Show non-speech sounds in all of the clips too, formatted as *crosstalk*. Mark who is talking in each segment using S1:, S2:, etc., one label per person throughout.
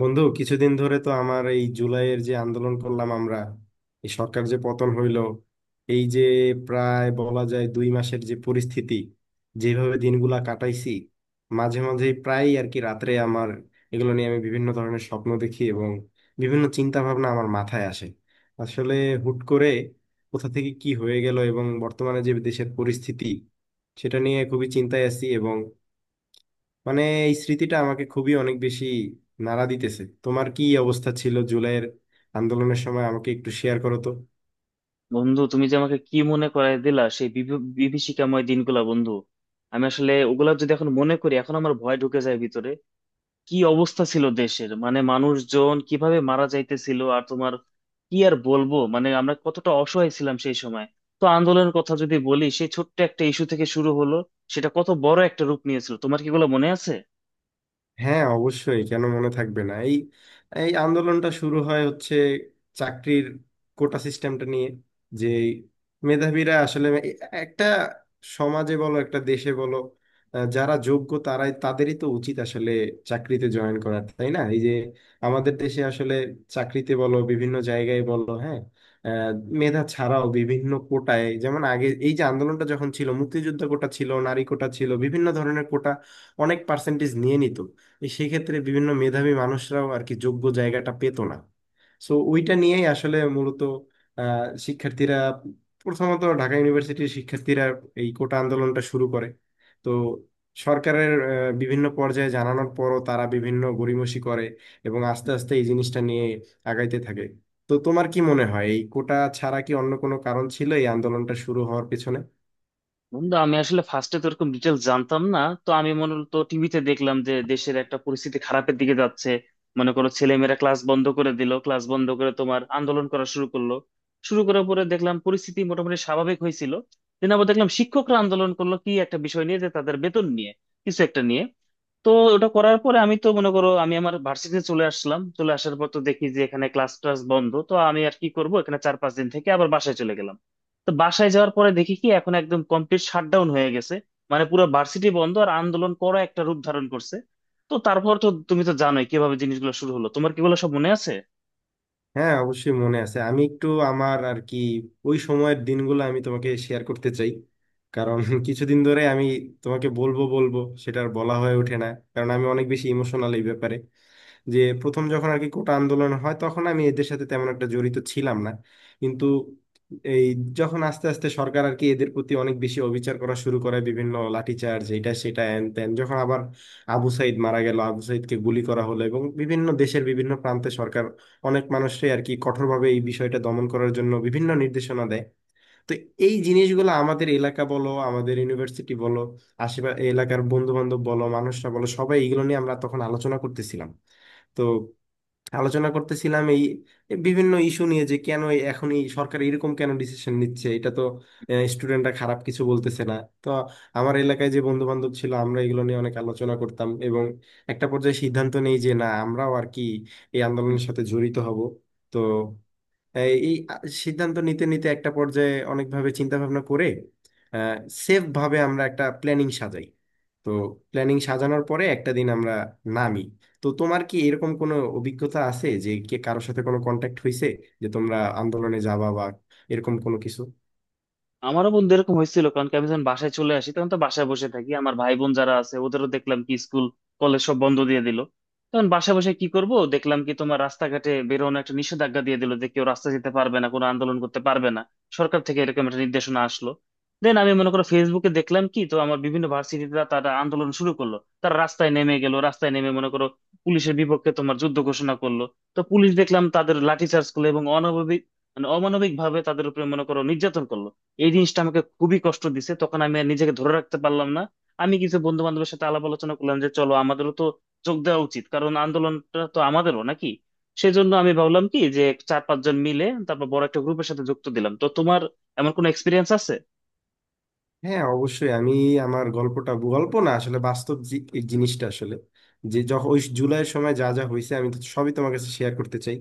S1: বন্ধু কিছুদিন ধরে তো আমার এই জুলাইয়ের যে আন্দোলন করলাম আমরা, এই সরকার যে পতন হইল, এই যে প্রায় বলা যায় 2 মাসের যে পরিস্থিতি, যেভাবে দিনগুলা কাটাইছি, মাঝে মাঝে প্রায় আর কি রাত্রে আমার এগুলো নিয়ে আমি বিভিন্ন ধরনের স্বপ্ন দেখি এবং বিভিন্ন চিন্তা ভাবনা আমার মাথায় আসে। আসলে হুট করে কোথা থেকে কি হয়ে গেল এবং বর্তমানে যে দেশের পরিস্থিতি, সেটা নিয়ে খুবই চিন্তায় আছি। মানে এই স্মৃতিটা আমাকে খুবই অনেক বেশি নাড়া দিতেছে। তোমার কি অবস্থা ছিল জুলাইয়ের আন্দোলনের সময়, আমাকে একটু শেয়ার করো তো।
S2: বন্ধু, তুমি যে আমাকে কি মনে করায় দিলা সেই বিভীষিকাময় দিনগুলা বন্ধু। আমি আসলে ওগুলা যদি এখন মনে করি এখন আমার ভয় ঢুকে যায় ভিতরে। কি অবস্থা ছিল দেশের, মানে মানুষজন কিভাবে মারা যাইতেছিল! আর তোমার কি আর বলবো, মানে আমরা কতটা অসহায় ছিলাম সেই সময়। তো আন্দোলনের কথা যদি বলি, সেই ছোট্ট একটা ইস্যু থেকে শুরু হলো, সেটা কত বড় একটা রূপ নিয়েছিল! তোমার কি এগুলো মনে আছে?
S1: হ্যাঁ অবশ্যই, কেন মনে থাকবে না। এই এই আন্দোলনটা শুরু হচ্ছে চাকরির কোটা সিস্টেমটা নিয়ে। যে এই মেধাবীরা আসলে একটা সমাজে বলো একটা দেশে বলো, যারা যোগ্য তারাই, তাদেরই তো উচিত আসলে চাকরিতে জয়েন করা, তাই না? এই যে আমাদের দেশে আসলে চাকরিতে বলো বিভিন্ন জায়গায় বলো, হ্যাঁ, আহ, মেধা ছাড়াও বিভিন্ন কোটায়, যেমন আগে এই যে আন্দোলনটা যখন ছিল, মুক্তিযুদ্ধ কোটা ছিল, নারী কোটা ছিল, বিভিন্ন ধরনের কোটা অনেক পার্সেন্টেজ নিয়ে নিত। এই সেই ক্ষেত্রে বিভিন্ন মেধাবী মানুষরাও আর কি যোগ্য জায়গাটা পেতো না। সো ওইটা নিয়েই আসলে মূলত শিক্ষার্থীরা, প্রথমত ঢাকা ইউনিভার্সিটির শিক্ষার্থীরা এই কোটা আন্দোলনটা শুরু করে। তো সরকারের বিভিন্ন পর্যায়ে জানানোর পরও তারা বিভিন্ন গড়িমসি করে এবং আস্তে আস্তে এই জিনিসটা নিয়ে আগাইতে থাকে। তো তোমার কি মনে হয় এই কোটা ছাড়া কি অন্য কোনো কারণ ছিল এই আন্দোলনটা শুরু হওয়ার পেছনে?
S2: বন্ধু আমি আসলে ফার্স্টে তো এরকম ডিটেল জানতাম না, তো আমি মূলত টিভিতে দেখলাম যে দেশের একটা পরিস্থিতি খারাপের দিকে যাচ্ছে। মনে করো ছেলেমেয়েরা ক্লাস বন্ধ করে দিল, ক্লাস বন্ধ করে তোমার আন্দোলন করা শুরু করলো। শুরু করার পরে দেখলাম পরিস্থিতি মোটামুটি স্বাভাবিক হয়েছিল। দিন আবার দেখলাম শিক্ষকরা আন্দোলন করলো কি একটা বিষয় নিয়ে, যে তাদের বেতন নিয়ে কিছু একটা নিয়ে। তো ওটা করার পরে আমি তো মনে করো আমি আমার ভার্সিটিতে চলে আসলাম, চলে আসার পর তো দেখি যে এখানে ক্লাস টাস বন্ধ, তো আমি আর কি করব, এখানে 4-5 দিন থেকে আবার বাসায় চলে গেলাম। তো বাসায় যাওয়ার পরে দেখি কি এখন একদম কমপ্লিট শাটডাউন হয়ে গেছে, মানে পুরো ভার্সিটি বন্ধ, আর আন্দোলন করা একটা রূপ ধারণ করছে। তো তারপর তো তুমি তো জানোই কিভাবে জিনিসগুলো শুরু হলো, তোমার কি এগুলো সব মনে আছে?
S1: হ্যাঁ অবশ্যই মনে আছে। আমি একটু আমার আর কি ওই সময়ের দিনগুলো আমি তোমাকে শেয়ার করতে চাই। কারণ *laughs* কিছুদিন ধরে আমি তোমাকে বলবো বলবো, সেটা আর বলা হয়ে ওঠে না। কারণ আমি অনেক বেশি ইমোশনাল এই ব্যাপারে। যে প্রথম যখন আর কি কোটা আন্দোলন হয়, তখন আমি এদের সাথে তেমন একটা জড়িত ছিলাম না। কিন্তু এই যখন আস্তে আস্তে সরকার আর কি এদের প্রতি অনেক বেশি অবিচার করা শুরু করে, বিভিন্ন লাঠিচার্জ এটা সেটা হ্যান ত্যান, যখন আবার আবু সাইদ মারা গেল, আবু সাইদকে গুলি করা হলো এবং বিভিন্ন দেশের বিভিন্ন প্রান্তে সরকার অনেক মানুষই আর কি কঠোরভাবে এই বিষয়টা দমন করার জন্য বিভিন্ন নির্দেশনা দেয়। তো এই জিনিসগুলো আমাদের এলাকা বলো, আমাদের ইউনিভার্সিটি বলো, আশেপাশে এলাকার বন্ধু বান্ধব বলো, মানুষরা বলো, সবাই এগুলো নিয়ে আমরা তখন আলোচনা করতেছিলাম। তো আলোচনা করতেছিলাম এই বিভিন্ন ইস্যু নিয়ে, যে কেন এখন এই সরকার এরকম কেন ডিসিশন নিচ্ছে, এটা তো স্টুডেন্টরা খারাপ কিছু বলতেছে না। তো আমার এলাকায় যে বন্ধু বান্ধব ছিল, আমরা এগুলো নিয়ে অনেক আলোচনা করতাম এবং একটা পর্যায়ে সিদ্ধান্ত নেই যে না, আমরাও আর কি এই আন্দোলনের সাথে জড়িত হব। তো এই এই সিদ্ধান্ত নিতে নিতে একটা পর্যায়ে অনেকভাবে চিন্তা ভাবনা করে সেফ ভাবে আমরা একটা প্ল্যানিং সাজাই। তো প্ল্যানিং সাজানোর পরে একটা দিন আমরা নামি। তো তোমার কি এরকম কোনো অভিজ্ঞতা আছে যে কে কারোর সাথে কোনো কন্ট্যাক্ট হয়েছে, যে তোমরা আন্দোলনে যাবা বা এরকম কোনো কিছু?
S2: আমারও বন্ধু এরকম হয়েছিল, কারণ কি আমি যখন বাসায় চলে আসি তখন তো বাসায় বসে থাকি, আমার ভাই বোন যারা আছে ওদেরও দেখলাম কি স্কুল কলেজ সব বন্ধ দিয়ে দিল। তখন বাসায় বসে কি করব, দেখলাম কি তোমার রাস্তাঘাটে বেরোনো একটা নিষেধাজ্ঞা দিয়ে দিল যে কেউ রাস্তা যেতে পারবে না, কোনো আন্দোলন করতে পারবে না, সরকার থেকে এরকম একটা নির্দেশনা আসলো। দেন আমি মনে করো ফেসবুকে দেখলাম কি তো আমার বিভিন্ন ভার্সিটিতে তারা আন্দোলন শুরু করলো, তারা রাস্তায় নেমে গেল, রাস্তায় নেমে মনে করো পুলিশের বিপক্ষে তোমার যুদ্ধ ঘোষণা করলো। তো পুলিশ দেখলাম তাদের লাঠিচার্জ করলো এবং অনাবাবিক মানে অমানবিক ভাবে তাদের উপরে মনে করো নির্যাতন করলো। এই জিনিসটা আমাকে খুবই কষ্ট দিছে, তখন আমি আর নিজেকে ধরে রাখতে পারলাম না। আমি কিছু বন্ধু বান্ধবের সাথে আলাপ আলোচনা করলাম যে চলো আমাদেরও তো যোগ দেওয়া উচিত, কারণ আন্দোলনটা তো আমাদেরও নাকি। সেজন্য আমি ভাবলাম কি যে চার পাঁচজন মিলে তারপর বড় একটা গ্রুপের সাথে যুক্ত দিলাম। তো তোমার এমন কোনো এক্সপিরিয়েন্স আছে?
S1: হ্যাঁ অবশ্যই। আমি আমার গল্পটা, গল্প না আসলে বাস্তব এই জিনিসটা আসলে, যে যখন ওই জুলাইয়ের সময় যা যা হয়েছে আমি তো সবই তোমার কাছে শেয়ার করতে চাই।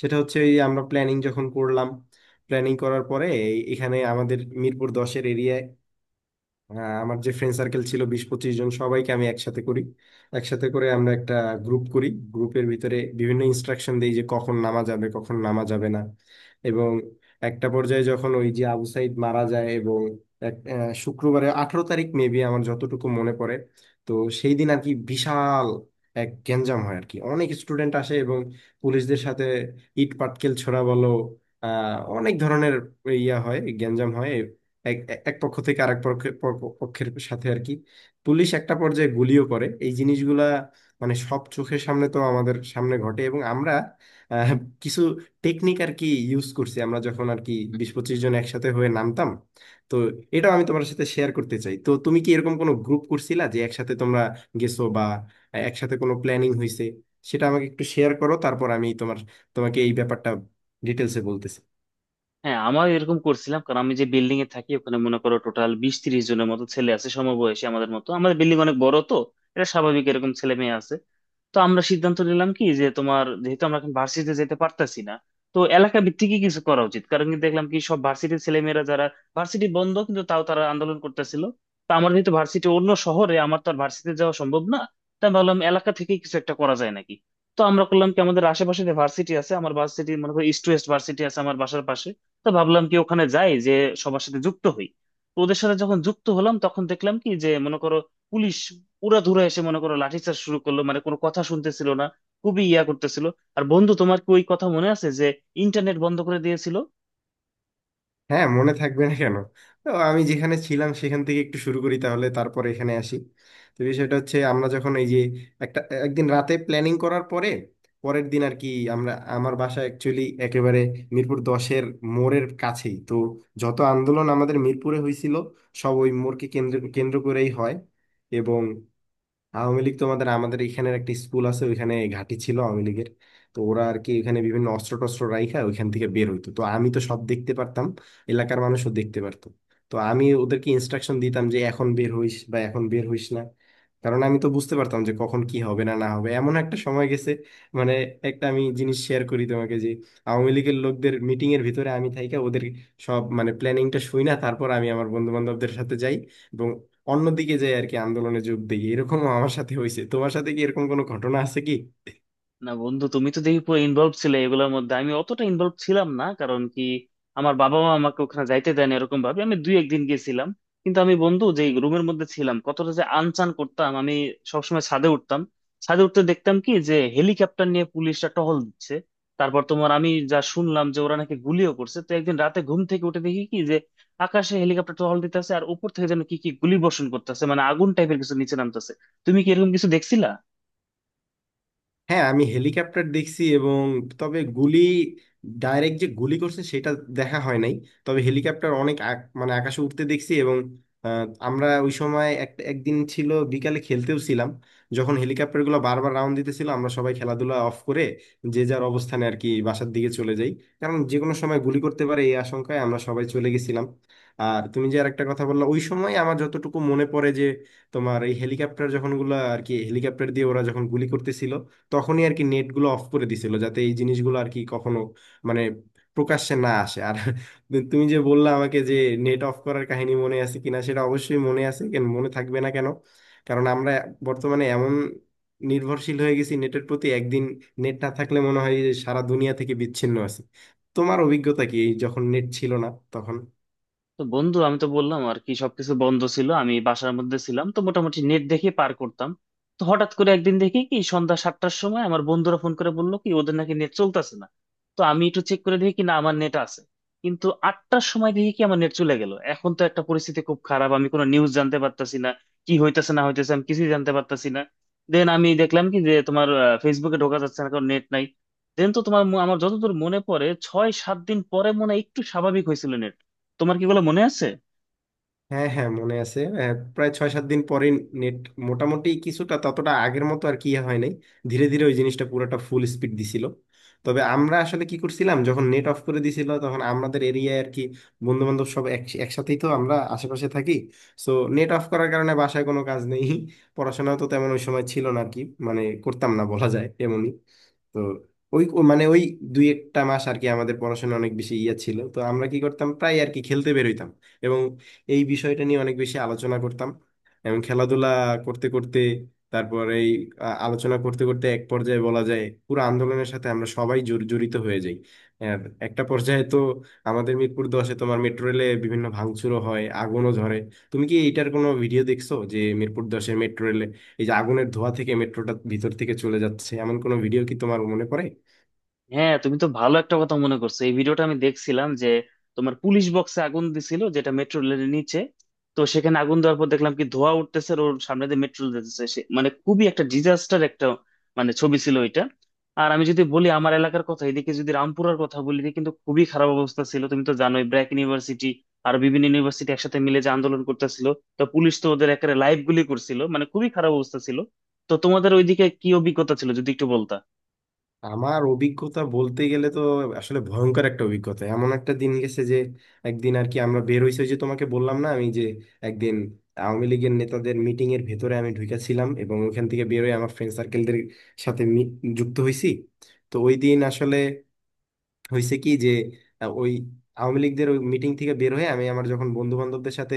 S1: সেটা হচ্ছে এই আমরা প্ল্যানিং যখন করলাম, প্ল্যানিং করার পরে এখানে আমাদের মিরপুর 10-এর এরিয়ায়, হ্যাঁ, আমার যে ফ্রেন্ড সার্কেল ছিল, 20-25 জন সবাইকে আমি একসাথে করি। একসাথে করে আমরা একটা গ্রুপ করি। গ্রুপের ভিতরে বিভিন্ন ইনস্ট্রাকশন দিই যে কখন নামা যাবে, কখন নামা যাবে না। এবং একটা পর্যায়ে যখন ওই যে আবু সাইদ মারা যায়, এবং এক শুক্রবারে, 18 তারিখ মেবি, আমার যতটুকু মনে পড়ে, তো সেই দিন আর কি বিশাল এক গ্যাঞ্জাম হয়। আর কি অনেক স্টুডেন্ট আসে এবং পুলিশদের সাথে ইট পাটকেল ছোড়া বলো, আহ অনেক ধরনের ইয়া হয়, গ্যাঞ্জাম হয়। এক এক এক পক্ষ থেকে আরেক পক্ষের সাথে আর কি পুলিশ একটা পর্যায়ে গুলিও করে। এই জিনিসগুলা মানে সব চোখের সামনে, তো আমাদের সামনে ঘটে এবং আমরা আহ, কিছু টেকনিক আর কি ইউজ করছি। আমরা যখন আর কি 20-25 জন একসাথে হয়ে নামতাম, তো এটাও আমি তোমার সাথে শেয়ার করতে চাই। তো তুমি কি এরকম কোনো গ্রুপ করছিলা যে একসাথে তোমরা গেছো বা একসাথে কোনো প্ল্যানিং হয়েছে? সেটা আমাকে একটু শেয়ার করো, তারপর আমি তোমাকে এই ব্যাপারটা ডিটেলসে বলতেছি।
S2: হ্যাঁ আমার এরকম করছিলাম, কারণ আমি যে বিল্ডিং এ থাকি ওখানে মনে করো টোটাল 20-30 জনের মতো ছেলে আছে সমবয়সী আমাদের মতো, আমাদের বিল্ডিং অনেক বড় তো এটা স্বাভাবিক এরকম ছেলে মেয়ে আছে। তো আমরা সিদ্ধান্ত নিলাম কি যে তোমার যেহেতু আমরা এখন ভার্সিটিতে যেতে পারতাছি না, তো এলাকা ভিত্তিকই কিছু করা উচিত, কারণ কি দেখলাম কি সব ভার্সিটির ছেলেমেয়েরা যারা ভার্সিটি বন্ধ কিন্তু তাও তারা আন্দোলন করতেছিল। তো আমার যেহেতু ভার্সিটি অন্য শহরে, আমার তো আর ভার্সিটি যাওয়া সম্ভব না, তাই ভাবলাম এলাকা থেকে কিছু একটা করা যায় নাকি। তো আমরা করলাম কি আমাদের আশেপাশে যে ভার্সিটি আছে, আমার ভার্সিটি মনে করো ইস্ট ওয়েস্ট ভার্সিটি আছে আমার বাসার পাশে, তো ভাবলাম কি ওখানে যাই যে সবার সাথে যুক্ত হই। তো ওদের সাথে যখন যুক্ত হলাম তখন দেখলাম কি যে মনে করো পুলিশ উড়াধুরা এসে মনে করো লাঠিচার্জ শুরু করলো, মানে কোনো কথা শুনতেছিল না, খুবই ইয়া করতেছিল। আর বন্ধু তোমার কি ওই কথা মনে আছে যে ইন্টারনেট বন্ধ করে দিয়েছিল?
S1: হ্যাঁ মনে থাকবে না কেন। তো আমি যেখানে ছিলাম সেখান থেকে একটু শুরু করি, তাহলে তারপর এখানে আসি। তো বিষয়টা হচ্ছে, আমরা যখন এই যে একটা একদিন রাতে প্ল্যানিং করার পরে পরের দিন আর কি আমরা, আমার বাসা অ্যাকচুয়ালি একেবারে মিরপুর 10-এর মোড়ের কাছেই। তো যত আন্দোলন আমাদের মিরপুরে হয়েছিল সব ওই মোড়কে কেন্দ্র কেন্দ্র করেই হয়। এবং আওয়ামী লীগ, তোমাদের আমাদের এখানে একটা স্কুল আছে, ওইখানে ঘাঁটি ছিল আওয়ামী লীগের। তো ওরা আর কি ওইখানে বিভিন্ন অস্ত্র টস্ত্র রাইখা ওইখান থেকে বের হইতো। তো আমি তো সব দেখতে পারতাম, এলাকার মানুষও দেখতে পারতো। তো আমি ওদেরকে ইনস্ট্রাকশন দিতাম যে এখন বের হইস বা এখন বের হইস না। কারণ আমি তো বুঝতে পারতাম যে কখন কি হবে না না হবে। এমন একটা সময় গেছে মানে, একটা আমি জিনিস শেয়ার করি তোমাকে, যে আওয়ামী লীগের লোকদের মিটিং এর ভিতরে আমি থাইকা ওদের সব মানে প্ল্যানিংটা শুই না, তারপর আমি আমার বন্ধু বান্ধবদের সাথে যাই এবং অন্যদিকে যাই আর কি আন্দোলনে যোগ দিই। এরকমও আমার সাথে হয়েছে। তোমার সাথে কি এরকম কোনো ঘটনা আছে কি?
S2: না বন্ধু, তুমি তো দেখি পুরো ইনভলভ ছিলে এগুলোর মধ্যে, আমি অতটা ইনভলভ ছিলাম না, কারণ কি আমার বাবা মা আমাকে ওখানে যাইতে দেন, এরকম ভাবে আমি দুই একদিন গেছিলাম। কিন্তু আমি বন্ধু যে রুমের মধ্যে ছিলাম কতটা যে আনচান করতাম আমি, সবসময় ছাদে উঠতাম। ছাদে উঠতে দেখতাম কি যে হেলিকপ্টার নিয়ে পুলিশরা টহল দিচ্ছে। তারপর তোমার আমি যা শুনলাম যে ওরা নাকি গুলিও করছে। তো একদিন রাতে ঘুম থেকে উঠে দেখি কি যে আকাশে হেলিকপ্টার টহল দিতেছে আর উপর থেকে যেন কি কি গুলি বর্ষণ করতেছে, মানে আগুন টাইপের কিছু নিচে নামতেছে। তুমি কি এরকম কিছু দেখছিলা?
S1: হ্যাঁ আমি হেলিকপ্টার দেখছি এবং তবে গুলি, ডাইরেক্ট যে গুলি করছে সেটা দেখা হয় নাই। তবে হেলিকপ্টার অনেক মানে আকাশে উঠতে দেখছি। এবং আমরা ওই সময় একটা একদিন ছিল বিকালে খেলতেও ছিলাম, যখন হেলিকপ্টারগুলো বারবার রাউন্ড দিতেছিল, আমরা সবাই খেলাধুলা অফ করে যে যার অবস্থানে আর কি বাসার দিকে চলে যাই। কারণ যে কোনো সময় গুলি করতে পারে এই আশঙ্কায় আমরা সবাই চলে গেছিলাম। আর তুমি যে আর একটা কথা বললা, ওই সময় আমার যতটুকু মনে পড়ে, যে তোমার এই হেলিকপ্টার যখন গুলা আর কি হেলিকপ্টার দিয়ে ওরা যখন গুলি করতেছিল, তখনই আর কি নেটগুলো অফ করে দিছিল, যাতে এই জিনিসগুলো আর কি কখনো মানে প্রকাশ্যে না আসে। আর *laughs* তুমি যে বললা আমাকে যে নেট অফ করার কাহিনী মনে আছে কিনা, সেটা অবশ্যই মনে আছে, কেন মনে থাকবে না কেন। কারণ আমরা বর্তমানে এমন নির্ভরশীল হয়ে গেছি নেটের প্রতি, একদিন নেট না থাকলে মনে হয় যে সারা দুনিয়া থেকে বিচ্ছিন্ন আছি। তোমার অভিজ্ঞতা কি এই, যখন নেট ছিল না তখন?
S2: তো বন্ধু আমি তো বললাম আর কি সবকিছু বন্ধ ছিল, আমি বাসার মধ্যে ছিলাম তো মোটামুটি নেট দেখে পার করতাম। তো হঠাৎ করে একদিন দেখি কি সন্ধ্যা 7টার সময় আমার বন্ধুরা ফোন করে বললো কি ওদের নাকি নেট চলতেছে না। তো আমি একটু চেক করে দেখি কি না আমার নেট আছে, কিন্তু 8টার সময় দেখি কি আমার নেট চলে গেল। এখন তো একটা পরিস্থিতি খুব খারাপ, আমি কোনো নিউজ জানতে পারতাছি না, কি হইতেছে না হইতেছে আমি কিছুই জানতে পারতাছি না। দেন আমি দেখলাম কি যে তোমার ফেসবুকে ঢোকা যাচ্ছে না, কারণ নেট নাই। দেন তো তোমার আমার যতদূর মনে পড়ে 6-7 দিন পরে মনে হয় একটু স্বাভাবিক হয়েছিল। তোমার কি এগুলো মনে আছে?
S1: হ্যাঁ হ্যাঁ মনে আছে। প্রায় 6-7 দিন পরে নেট মোটামুটি কিছুটা, ততটা আগের মতো আর কি ইয়ে হয় নাই। ধীরে ধীরে ওই জিনিসটা পুরোটা ফুল স্পিড দিছিল। তবে আমরা আসলে কি করছিলাম, যখন নেট অফ করে দিছিল, তখন আমাদের এরিয়ায় আর কি বন্ধু বান্ধব সব একসাথেই তো আমরা আশেপাশে থাকি। সো নেট অফ করার কারণে বাসায় কোনো কাজ নেই। পড়াশোনাও তো তেমন ওই সময় ছিল না আর কি মানে করতাম না বলা যায় এমনই। তো ওই ও মানে ওই দুই একটা মাস আর কি আমাদের পড়াশোনা অনেক বেশি ইয়া ছিল, তো আমরা কি করতাম, প্রায় আর কি খেলতে বেরোইতাম এবং এই বিষয়টা নিয়ে অনেক বেশি আলোচনা করতাম। এবং খেলাধুলা করতে করতে, তারপর এই আলোচনা করতে করতে এক পর্যায়ে বলা যায় পুরো আন্দোলনের সাথে আমরা সবাই জড়িত হয়ে যাই। আর একটা পর্যায়ে তো আমাদের মিরপুর দশে তোমার মেট্রো রেলে বিভিন্ন ভাঙচুরও হয়, আগুনও ধরে। তুমি কি এইটার কোনো ভিডিও দেখছো, যে মিরপুর 10-এ মেট্রো, এই যে আগুনের ধোঁয়া থেকে মেট্রোটা ভিতর থেকে চলে যাচ্ছে, এমন কোনো ভিডিও কি তোমার মনে পড়ে?
S2: হ্যাঁ, তুমি তো ভালো একটা কথা মনে করছো, এই ভিডিওটা আমি দেখছিলাম যে তোমার পুলিশ বক্সে আগুন দিছিল যেটা মেট্রো রেলের নিচে। তো সেখানে আগুন দেওয়ার পর দেখলাম কি ধোঁয়া উঠতেছে আর ওর সামনে দিয়ে মেট্রো যেতেছে, মানে খুবই একটা ডিজাস্টার একটা মানে ছবি ছিল ওইটা। আর আমি যদি বলি আমার এলাকার কথা, এদিকে যদি রামপুরার কথা বলি, এদিকে কিন্তু খুবই খারাপ অবস্থা ছিল। তুমি তো জানোই ব্র্যাক ইউনিভার্সিটি আর বিভিন্ন ইউনিভার্সিটি একসাথে মিলে যে আন্দোলন করতেছিল, তো পুলিশ তো ওদের একেবারে লাইভ গুলি করছিল, মানে খুবই খারাপ অবস্থা ছিল। তো তোমাদের ওইদিকে কি অভিজ্ঞতা ছিল যদি একটু বলতা।
S1: আমার অভিজ্ঞতা বলতে গেলে তো আসলে ভয়ঙ্কর একটা অভিজ্ঞতা। এমন একটা দিন গেছে যে একদিন আর কি আমরা বের হইছি, ওই যে তোমাকে বললাম না আমি যে একদিন আওয়ামী লীগের নেতাদের মিটিং এর ভেতরে আমি ঢুকেছিলাম এবং ওখান থেকে বের হয়ে আমার ফ্রেন্ড সার্কেলদের সাথে যুক্ত হইছি। তো ওই দিন আসলে হয়েছে কি যে ওই আওয়ামী লীগদের ওই মিটিং থেকে বের হয়ে আমি আমার যখন বন্ধু বান্ধবদের সাথে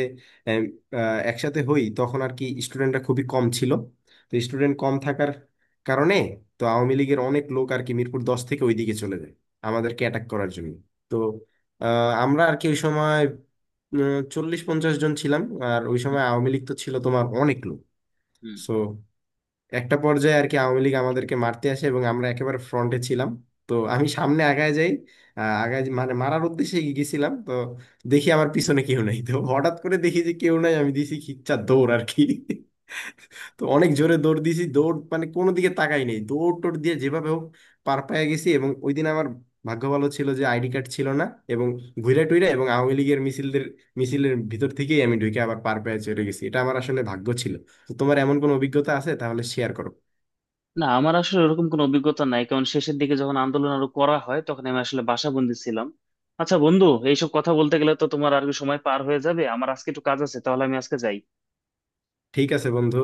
S1: আহ, আহ, একসাথে হই, তখন আর কি স্টুডেন্টরা খুবই কম ছিল। তো স্টুডেন্ট কম থাকার কারণে তো আওয়ামী লীগের অনেক লোক আর কি মিরপুর 10 থেকে ওইদিকে চলে যায় আমাদেরকে অ্যাটাক করার জন্য। তো আমরা আর কি ওই সময় 40-50 জন ছিলাম। আর ওই সময় আওয়ামী লীগ তো ছিল তোমার অনেক লোক।
S2: হুম।
S1: সো একটা পর্যায়ে আর কি আওয়ামী লীগ আমাদেরকে মারতে আসে এবং আমরা একেবারে ফ্রন্টে ছিলাম। তো আমি সামনে আগায় যাই, আগায় মানে মারার উদ্দেশ্যে এগিয়ে গেছিলাম। তো দেখি আমার পিছনে কেউ নাই, তো হঠাৎ করে দেখি যে কেউ নাই, আমি দিছি খিচ্চা দৌড় আর কি তো অনেক জোরে দৌড় দিছি, দৌড় মানে কোনো দিকে তাকাই নেই, দৌড় টোড় দিয়ে যেভাবে হোক পার পায়ে গেছি। এবং ওই দিন আমার ভাগ্য ভালো ছিল যে আইডি কার্ড ছিল না। এবং ঘুরে টুইরা এবং আওয়ামী লীগের মিছিলের ভিতর থেকেই আমি ঢুকে আবার পার পেয়ে চলে গেছি, এটা আমার আসলে ভাগ্য ছিল। তো তোমার এমন কোনো অভিজ্ঞতা আছে? তাহলে শেয়ার করো।
S2: না আমার আসলে ওরকম কোনো অভিজ্ঞতা নাই, কারণ শেষের দিকে যখন আন্দোলন আরো করা হয় তখন আমি আসলে বাসাবন্দী ছিলাম। আচ্ছা বন্ধু, এইসব কথা বলতে গেলে তো তোমার আর কি সময় পার হয়ে যাবে, আমার আজকে একটু কাজ আছে, তাহলে আমি আজকে যাই।
S1: ঠিক আছে বন্ধু।